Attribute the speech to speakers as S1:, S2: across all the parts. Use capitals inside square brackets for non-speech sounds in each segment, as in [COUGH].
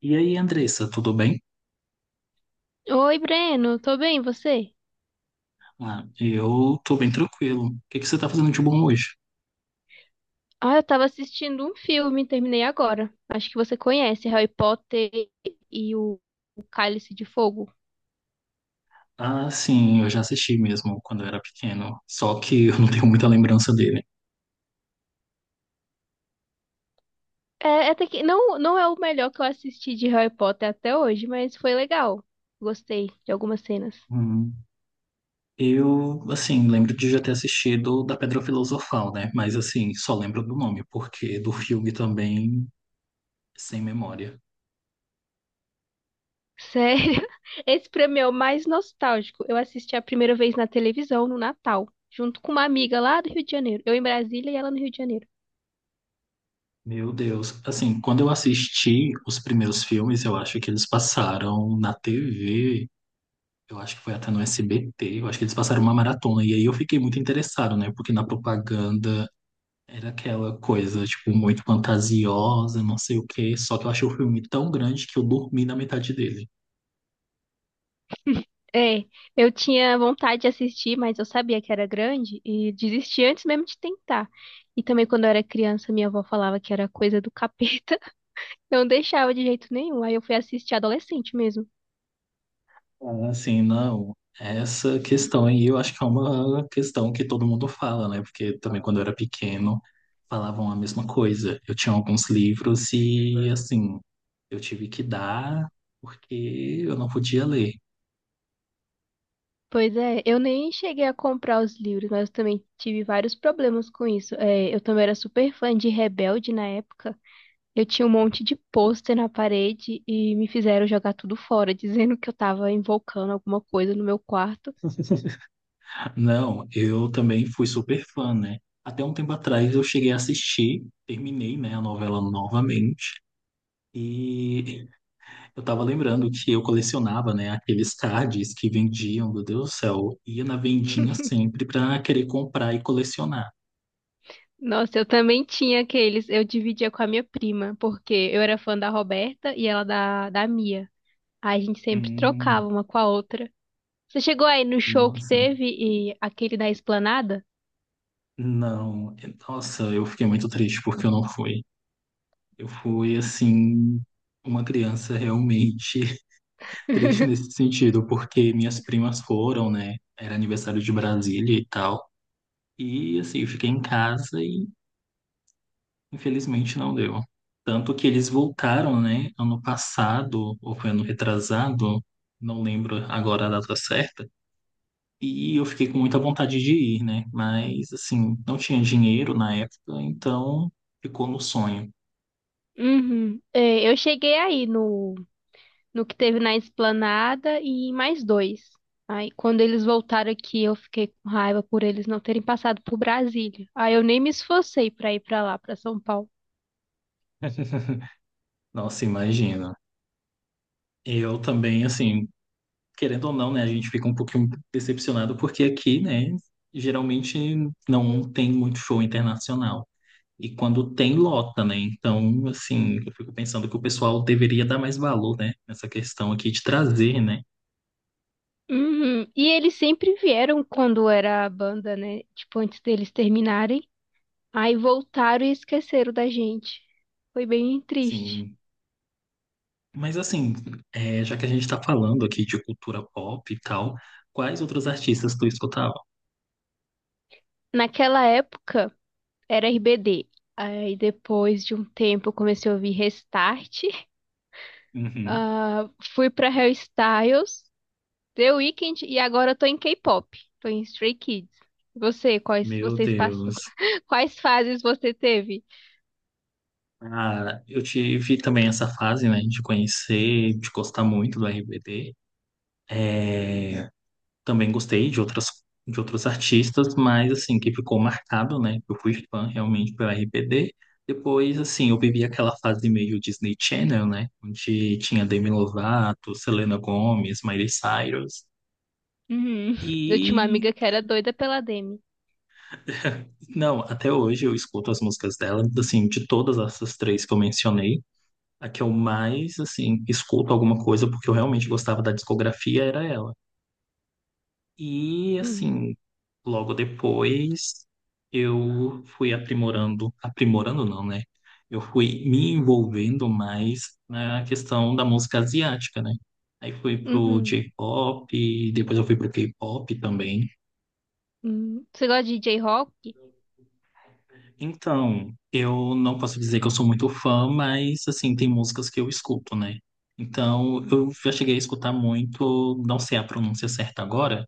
S1: E aí, Andressa, tudo bem?
S2: Oi, Breno, tô bem, e você?
S1: Ah, eu tô bem tranquilo. O que que você tá fazendo de bom hoje?
S2: Ah, eu tava assistindo um filme, terminei agora. Acho que você conhece Harry Potter e o Cálice de Fogo.
S1: Ah, sim, eu já assisti mesmo quando eu era pequeno, só que eu não tenho muita lembrança dele.
S2: É, até que não, não é o melhor que eu assisti de Harry Potter até hoje, mas foi legal. Gostei de algumas cenas.
S1: Hum, eu, assim, lembro de já ter assistido da Pedra Filosofal, né? Mas, assim, só lembro do nome, porque do filme também, sem memória.
S2: Sério? [LAUGHS] Esse pra mim é o mais nostálgico. Eu assisti a primeira vez na televisão, no Natal, junto com uma amiga lá do Rio de Janeiro. Eu em Brasília e ela no Rio de Janeiro.
S1: Meu Deus, assim, quando eu assisti os primeiros filmes, eu acho que eles passaram na TV. Eu acho que foi até no SBT, eu acho que eles passaram uma maratona. E aí eu fiquei muito interessado, né? Porque na propaganda era aquela coisa, tipo, muito fantasiosa, não sei o quê. Só que eu achei o filme tão grande que eu dormi na metade dele.
S2: É, eu tinha vontade de assistir, mas eu sabia que era grande e desisti antes mesmo de tentar. E também quando eu era criança, minha avó falava que era coisa do capeta. [LAUGHS] Não deixava de jeito nenhum. Aí eu fui assistir adolescente mesmo.
S1: Ah, assim, não. Essa questão aí eu acho que é uma questão que todo mundo fala, né? Porque também quando eu era pequeno falavam a mesma coisa. Eu tinha alguns livros e, assim, eu tive que dar porque eu não podia ler.
S2: Pois é, eu nem cheguei a comprar os livros, mas eu também tive vários problemas com isso. É, eu também era super fã de Rebelde na época. Eu tinha um monte de pôster na parede e me fizeram jogar tudo fora, [LAUGHS] dizendo que eu tava invocando alguma coisa no meu quarto.
S1: Não, eu também fui super fã, né? Até um tempo atrás eu cheguei a assistir, terminei, né, a novela novamente. E eu tava lembrando que eu colecionava, né, aqueles cards que vendiam, meu Deus do céu. Ia na vendinha sempre pra querer comprar e colecionar.
S2: Nossa, eu também tinha aqueles. Eu dividia com a minha prima, porque eu era fã da Roberta e ela da Mia. Aí a gente sempre
S1: Hum,
S2: trocava uma com a outra. Você chegou aí no show que
S1: nossa.
S2: teve e aquele da Esplanada?
S1: Não, nossa, eu fiquei muito triste porque eu não fui. Eu fui, assim, uma criança realmente triste nesse
S2: [LAUGHS]
S1: sentido, porque minhas primas foram, né? Era aniversário de Brasília e tal. E assim, eu fiquei em casa e infelizmente não deu. Tanto que eles voltaram, né? Ano passado, ou foi ano retrasado, não lembro agora a data certa. E eu fiquei com muita vontade de ir, né? Mas assim, não tinha dinheiro na época, então ficou no sonho.
S2: Uhum. É, eu cheguei aí no que teve na Esplanada e em mais dois. Aí quando eles voltaram aqui, eu fiquei com raiva por eles não terem passado por Brasília. Aí eu nem me esforcei pra ir pra lá, pra São Paulo.
S1: [LAUGHS] Nossa, imagina. Eu também, assim, querendo ou não, né, a gente fica um pouquinho decepcionado porque aqui, né, geralmente não tem muito show internacional. E quando tem, lota, né? Então, assim, eu fico pensando que o pessoal deveria dar mais valor, né, nessa questão aqui de trazer, né?
S2: Uhum. E eles sempre vieram quando era a banda, né? Tipo, antes deles terminarem. Aí voltaram e esqueceram da gente. Foi bem triste.
S1: Sim. Mas assim, é, já que a gente está falando aqui de cultura pop e tal, quais outros artistas tu escutava?
S2: Naquela época era RBD. Aí depois de um tempo eu comecei a ouvir Restart. [LAUGHS]
S1: Uhum.
S2: Ah, fui pra Hairstyles, The Weeknd, e agora eu tô em K-pop. Tô em Stray Kids. Você,
S1: Meu Deus.
S2: [LAUGHS] quais fases você teve?
S1: Ah, eu tive também essa fase, né, de conhecer, de gostar muito do RBD. É, também gostei de outras de outros artistas, mas assim, que ficou marcado, né? Eu fui fã realmente pela RBD. Depois, assim, eu vivi aquela fase meio Disney Channel, né? Onde tinha Demi Lovato, Selena Gomez, Miley Cyrus.
S2: Uhum. Eu tinha uma
S1: E
S2: amiga que era doida pela Demi.
S1: não, até hoje eu escuto as músicas dela, assim, de todas essas três que eu mencionei, a que eu mais, assim, escuto alguma coisa porque eu realmente gostava da discografia era ela. E
S2: Hum.
S1: assim, logo depois, eu fui aprimorando, aprimorando não, né? Eu fui me envolvendo mais na questão da música asiática, né? Aí fui pro
S2: Uhum.
S1: J-pop, depois eu fui pro K-pop também.
S2: Uhum. Você gosta de J-Rock?
S1: Então, eu não posso dizer que eu sou muito fã, mas assim, tem músicas que eu escuto, né? Então, eu já cheguei a escutar muito, não sei a pronúncia certa agora,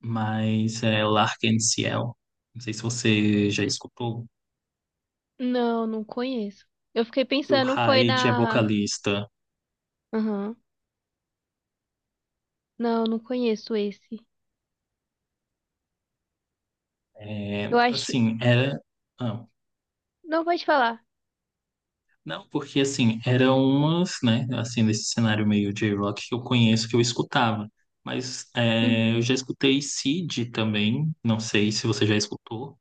S1: mas é Lark and Ciel. Não sei se você já escutou.
S2: Não, não conheço. Eu fiquei
S1: O
S2: pensando, foi
S1: Hyde é
S2: na.
S1: vocalista.
S2: Aham. Não, não conheço esse.
S1: É,
S2: Eu acho.
S1: assim, era. Ah,
S2: Não, pode falar.
S1: não, porque assim, eram umas, né? Assim, nesse cenário meio J-Rock que eu conheço, que eu escutava. Mas é,
S2: Uhum.
S1: eu já escutei Seed também. Não sei se você já escutou.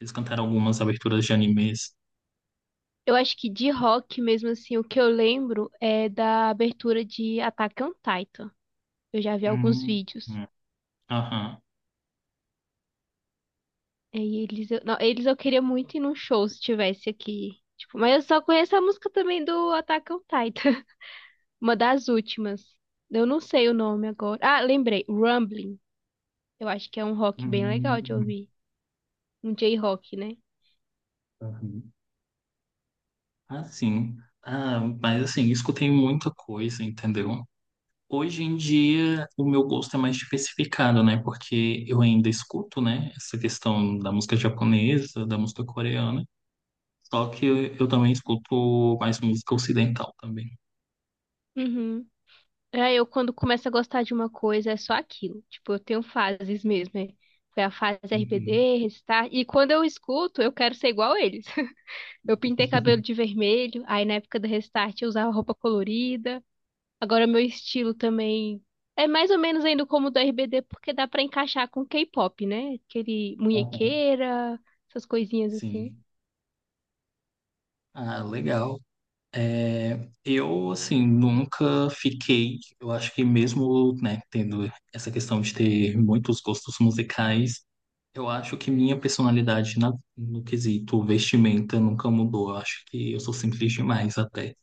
S1: Eles cantaram algumas aberturas de animes.
S2: Eu acho que de rock mesmo assim, o que eu lembro é da abertura de Attack on Titan. Eu já vi alguns
S1: Hum,
S2: vídeos.
S1: hum, aham.
S2: E eles Não, eles eu queria muito ir num show se tivesse aqui. Tipo, mas eu só conheço a música também do Attack on Titan. [LAUGHS] Uma das últimas. Eu não sei o nome agora. Ah, lembrei. Rumbling. Eu acho que é um rock bem legal de
S1: Hum,
S2: ouvir. Um J-rock, né?
S1: aham. Assim. Ah, mas assim, escutei muita coisa, entendeu? Hoje em dia, o meu gosto é mais diversificado, né? Porque eu ainda escuto, né? Essa questão da música japonesa, da música coreana. Só que eu também escuto mais música ocidental também.
S2: Uhum. É, eu quando começo a gostar de uma coisa é só aquilo. Tipo, eu tenho fases mesmo, né? Foi a fase
S1: Uhum.
S2: RBD, Restart. E quando eu escuto, eu quero ser igual a eles. [LAUGHS] Eu pintei cabelo de vermelho, aí na época do Restart eu usava roupa colorida. Agora meu estilo também é mais ou menos ainda como o do RBD, porque dá pra encaixar com K-pop, né? Aquele
S1: Aham.
S2: munhequeira, essas coisinhas assim.
S1: Sim. Ah, legal. É, eu, assim, nunca fiquei. Eu acho que mesmo, né, tendo essa questão de ter muitos gostos musicais, eu acho que minha personalidade no quesito vestimenta nunca mudou. Eu acho que eu sou simples demais até.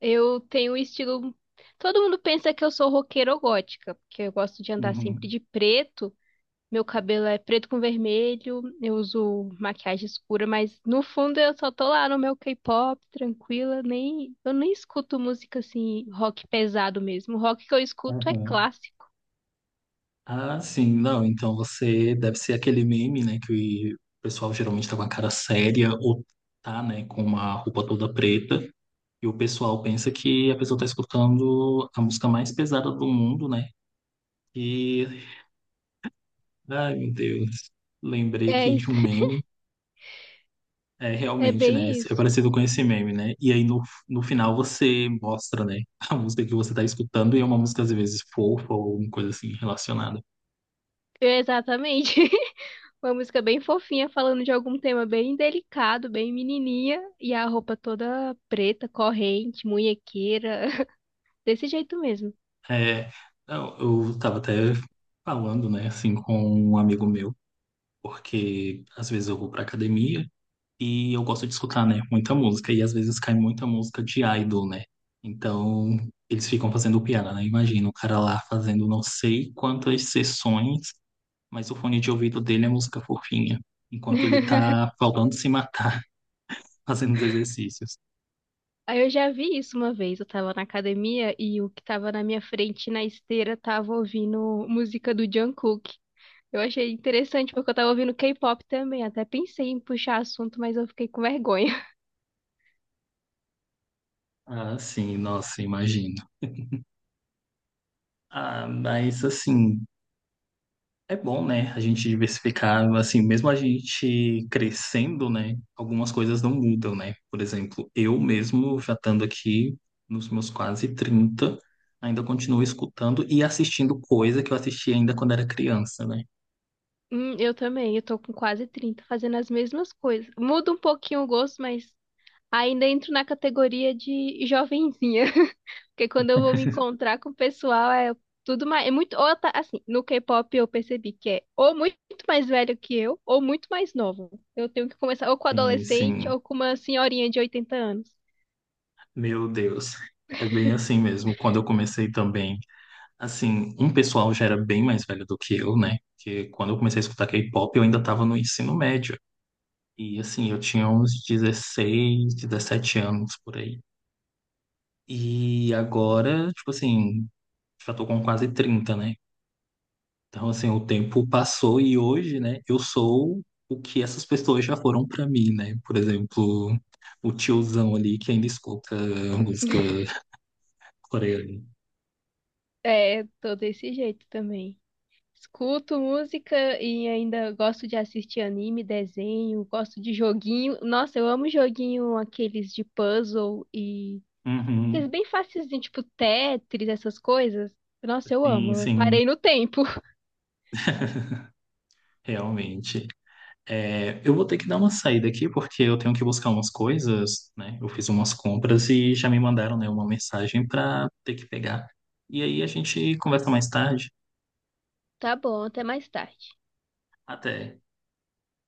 S2: Eu tenho um estilo. Todo mundo pensa que eu sou roqueira ou gótica, porque eu gosto de andar sempre
S1: Uhum.
S2: de preto. Meu cabelo é preto com vermelho, eu uso maquiagem escura, mas no fundo eu só tô lá no meu K-pop, tranquila, nem eu nem escuto música assim, rock pesado mesmo. O rock que eu escuto é
S1: Uhum.
S2: clássico.
S1: Ah, sim, não. Então você deve ser aquele meme, né? Que o pessoal geralmente tá com a cara séria ou tá, né, com uma roupa toda preta. E o pessoal pensa que a pessoa tá escutando a música mais pesada do mundo, né? E, ai, meu Deus, lembrei
S2: É
S1: aqui de
S2: isso.
S1: um
S2: [LAUGHS]
S1: meme. É,
S2: É
S1: realmente, né?
S2: bem
S1: É
S2: isso.
S1: parecido com esse meme, né? E aí no final você mostra, né? [LAUGHS] A música que você tá escutando e é uma música às vezes fofa ou alguma coisa assim relacionada.
S2: É, exatamente. [LAUGHS] Uma música bem fofinha, falando de algum tema bem delicado, bem menininha, e a roupa toda preta, corrente, munhequeira, [LAUGHS] desse jeito mesmo.
S1: É, eu tava até falando, né, assim, com um amigo meu, porque às vezes eu vou pra academia e eu gosto de escutar, né, muita música. E às vezes cai muita música de idol, né? Então eles ficam fazendo piada, né? Imagina o cara lá fazendo não sei quantas sessões mas o fone de ouvido dele é música fofinha, enquanto ele tá
S2: [LAUGHS]
S1: faltando se matar [LAUGHS] fazendo os exercícios.
S2: Aí eu já vi isso uma vez, eu tava na academia e o que tava na minha frente na esteira tava ouvindo música do Jungkook. Eu achei interessante porque eu tava ouvindo K-pop também, até pensei em puxar assunto, mas eu fiquei com vergonha. [LAUGHS]
S1: Ah, sim, nossa, imagino. Ah, mas assim, é bom, né? A gente diversificar, assim, mesmo a gente crescendo, né? Algumas coisas não mudam, né? Por exemplo, eu mesmo já estando aqui nos meus quase 30, ainda continuo escutando e assistindo coisa que eu assisti ainda quando era criança, né?
S2: Eu também, eu tô com quase 30, fazendo as mesmas coisas. Muda um pouquinho o gosto, mas ainda entro na categoria de jovenzinha, [LAUGHS] porque quando eu vou me encontrar com o pessoal é tudo mais, é muito, ou tá, assim, no K-pop eu percebi que é ou muito mais velho que eu, ou muito mais novo. Eu tenho que começar ou com
S1: Sim,
S2: adolescente
S1: sim.
S2: ou com uma senhorinha de 80 anos.
S1: Meu Deus. É bem assim mesmo. Quando eu comecei também. Assim, um pessoal já era bem mais velho do que eu, né? Porque quando eu comecei a escutar K-pop, eu ainda estava no ensino médio. E assim, eu tinha uns 16 17 anos por aí. E agora, tipo assim, já tô com quase 30, né? Então, assim, o tempo passou e hoje, né, eu sou o que essas pessoas já foram pra mim, né? Por exemplo, o tiozão ali que ainda escuta música coreana.
S2: É, tô desse jeito também. Escuto música e ainda gosto de assistir anime, desenho, gosto de joguinho. Nossa, eu amo joguinho aqueles de puzzle. Aqueles
S1: Uhum,
S2: bem facilzinho, tipo Tetris, essas coisas. Nossa, eu
S1: sim,
S2: amo. Eu
S1: sim,
S2: parei no tempo. [LAUGHS]
S1: realmente. É, eu vou ter que dar uma saída aqui porque eu tenho que buscar umas coisas, né? Eu fiz umas compras e já me mandaram, né, uma mensagem para ter que pegar. E aí a gente conversa mais tarde.
S2: Tá bom, até mais tarde.
S1: Até.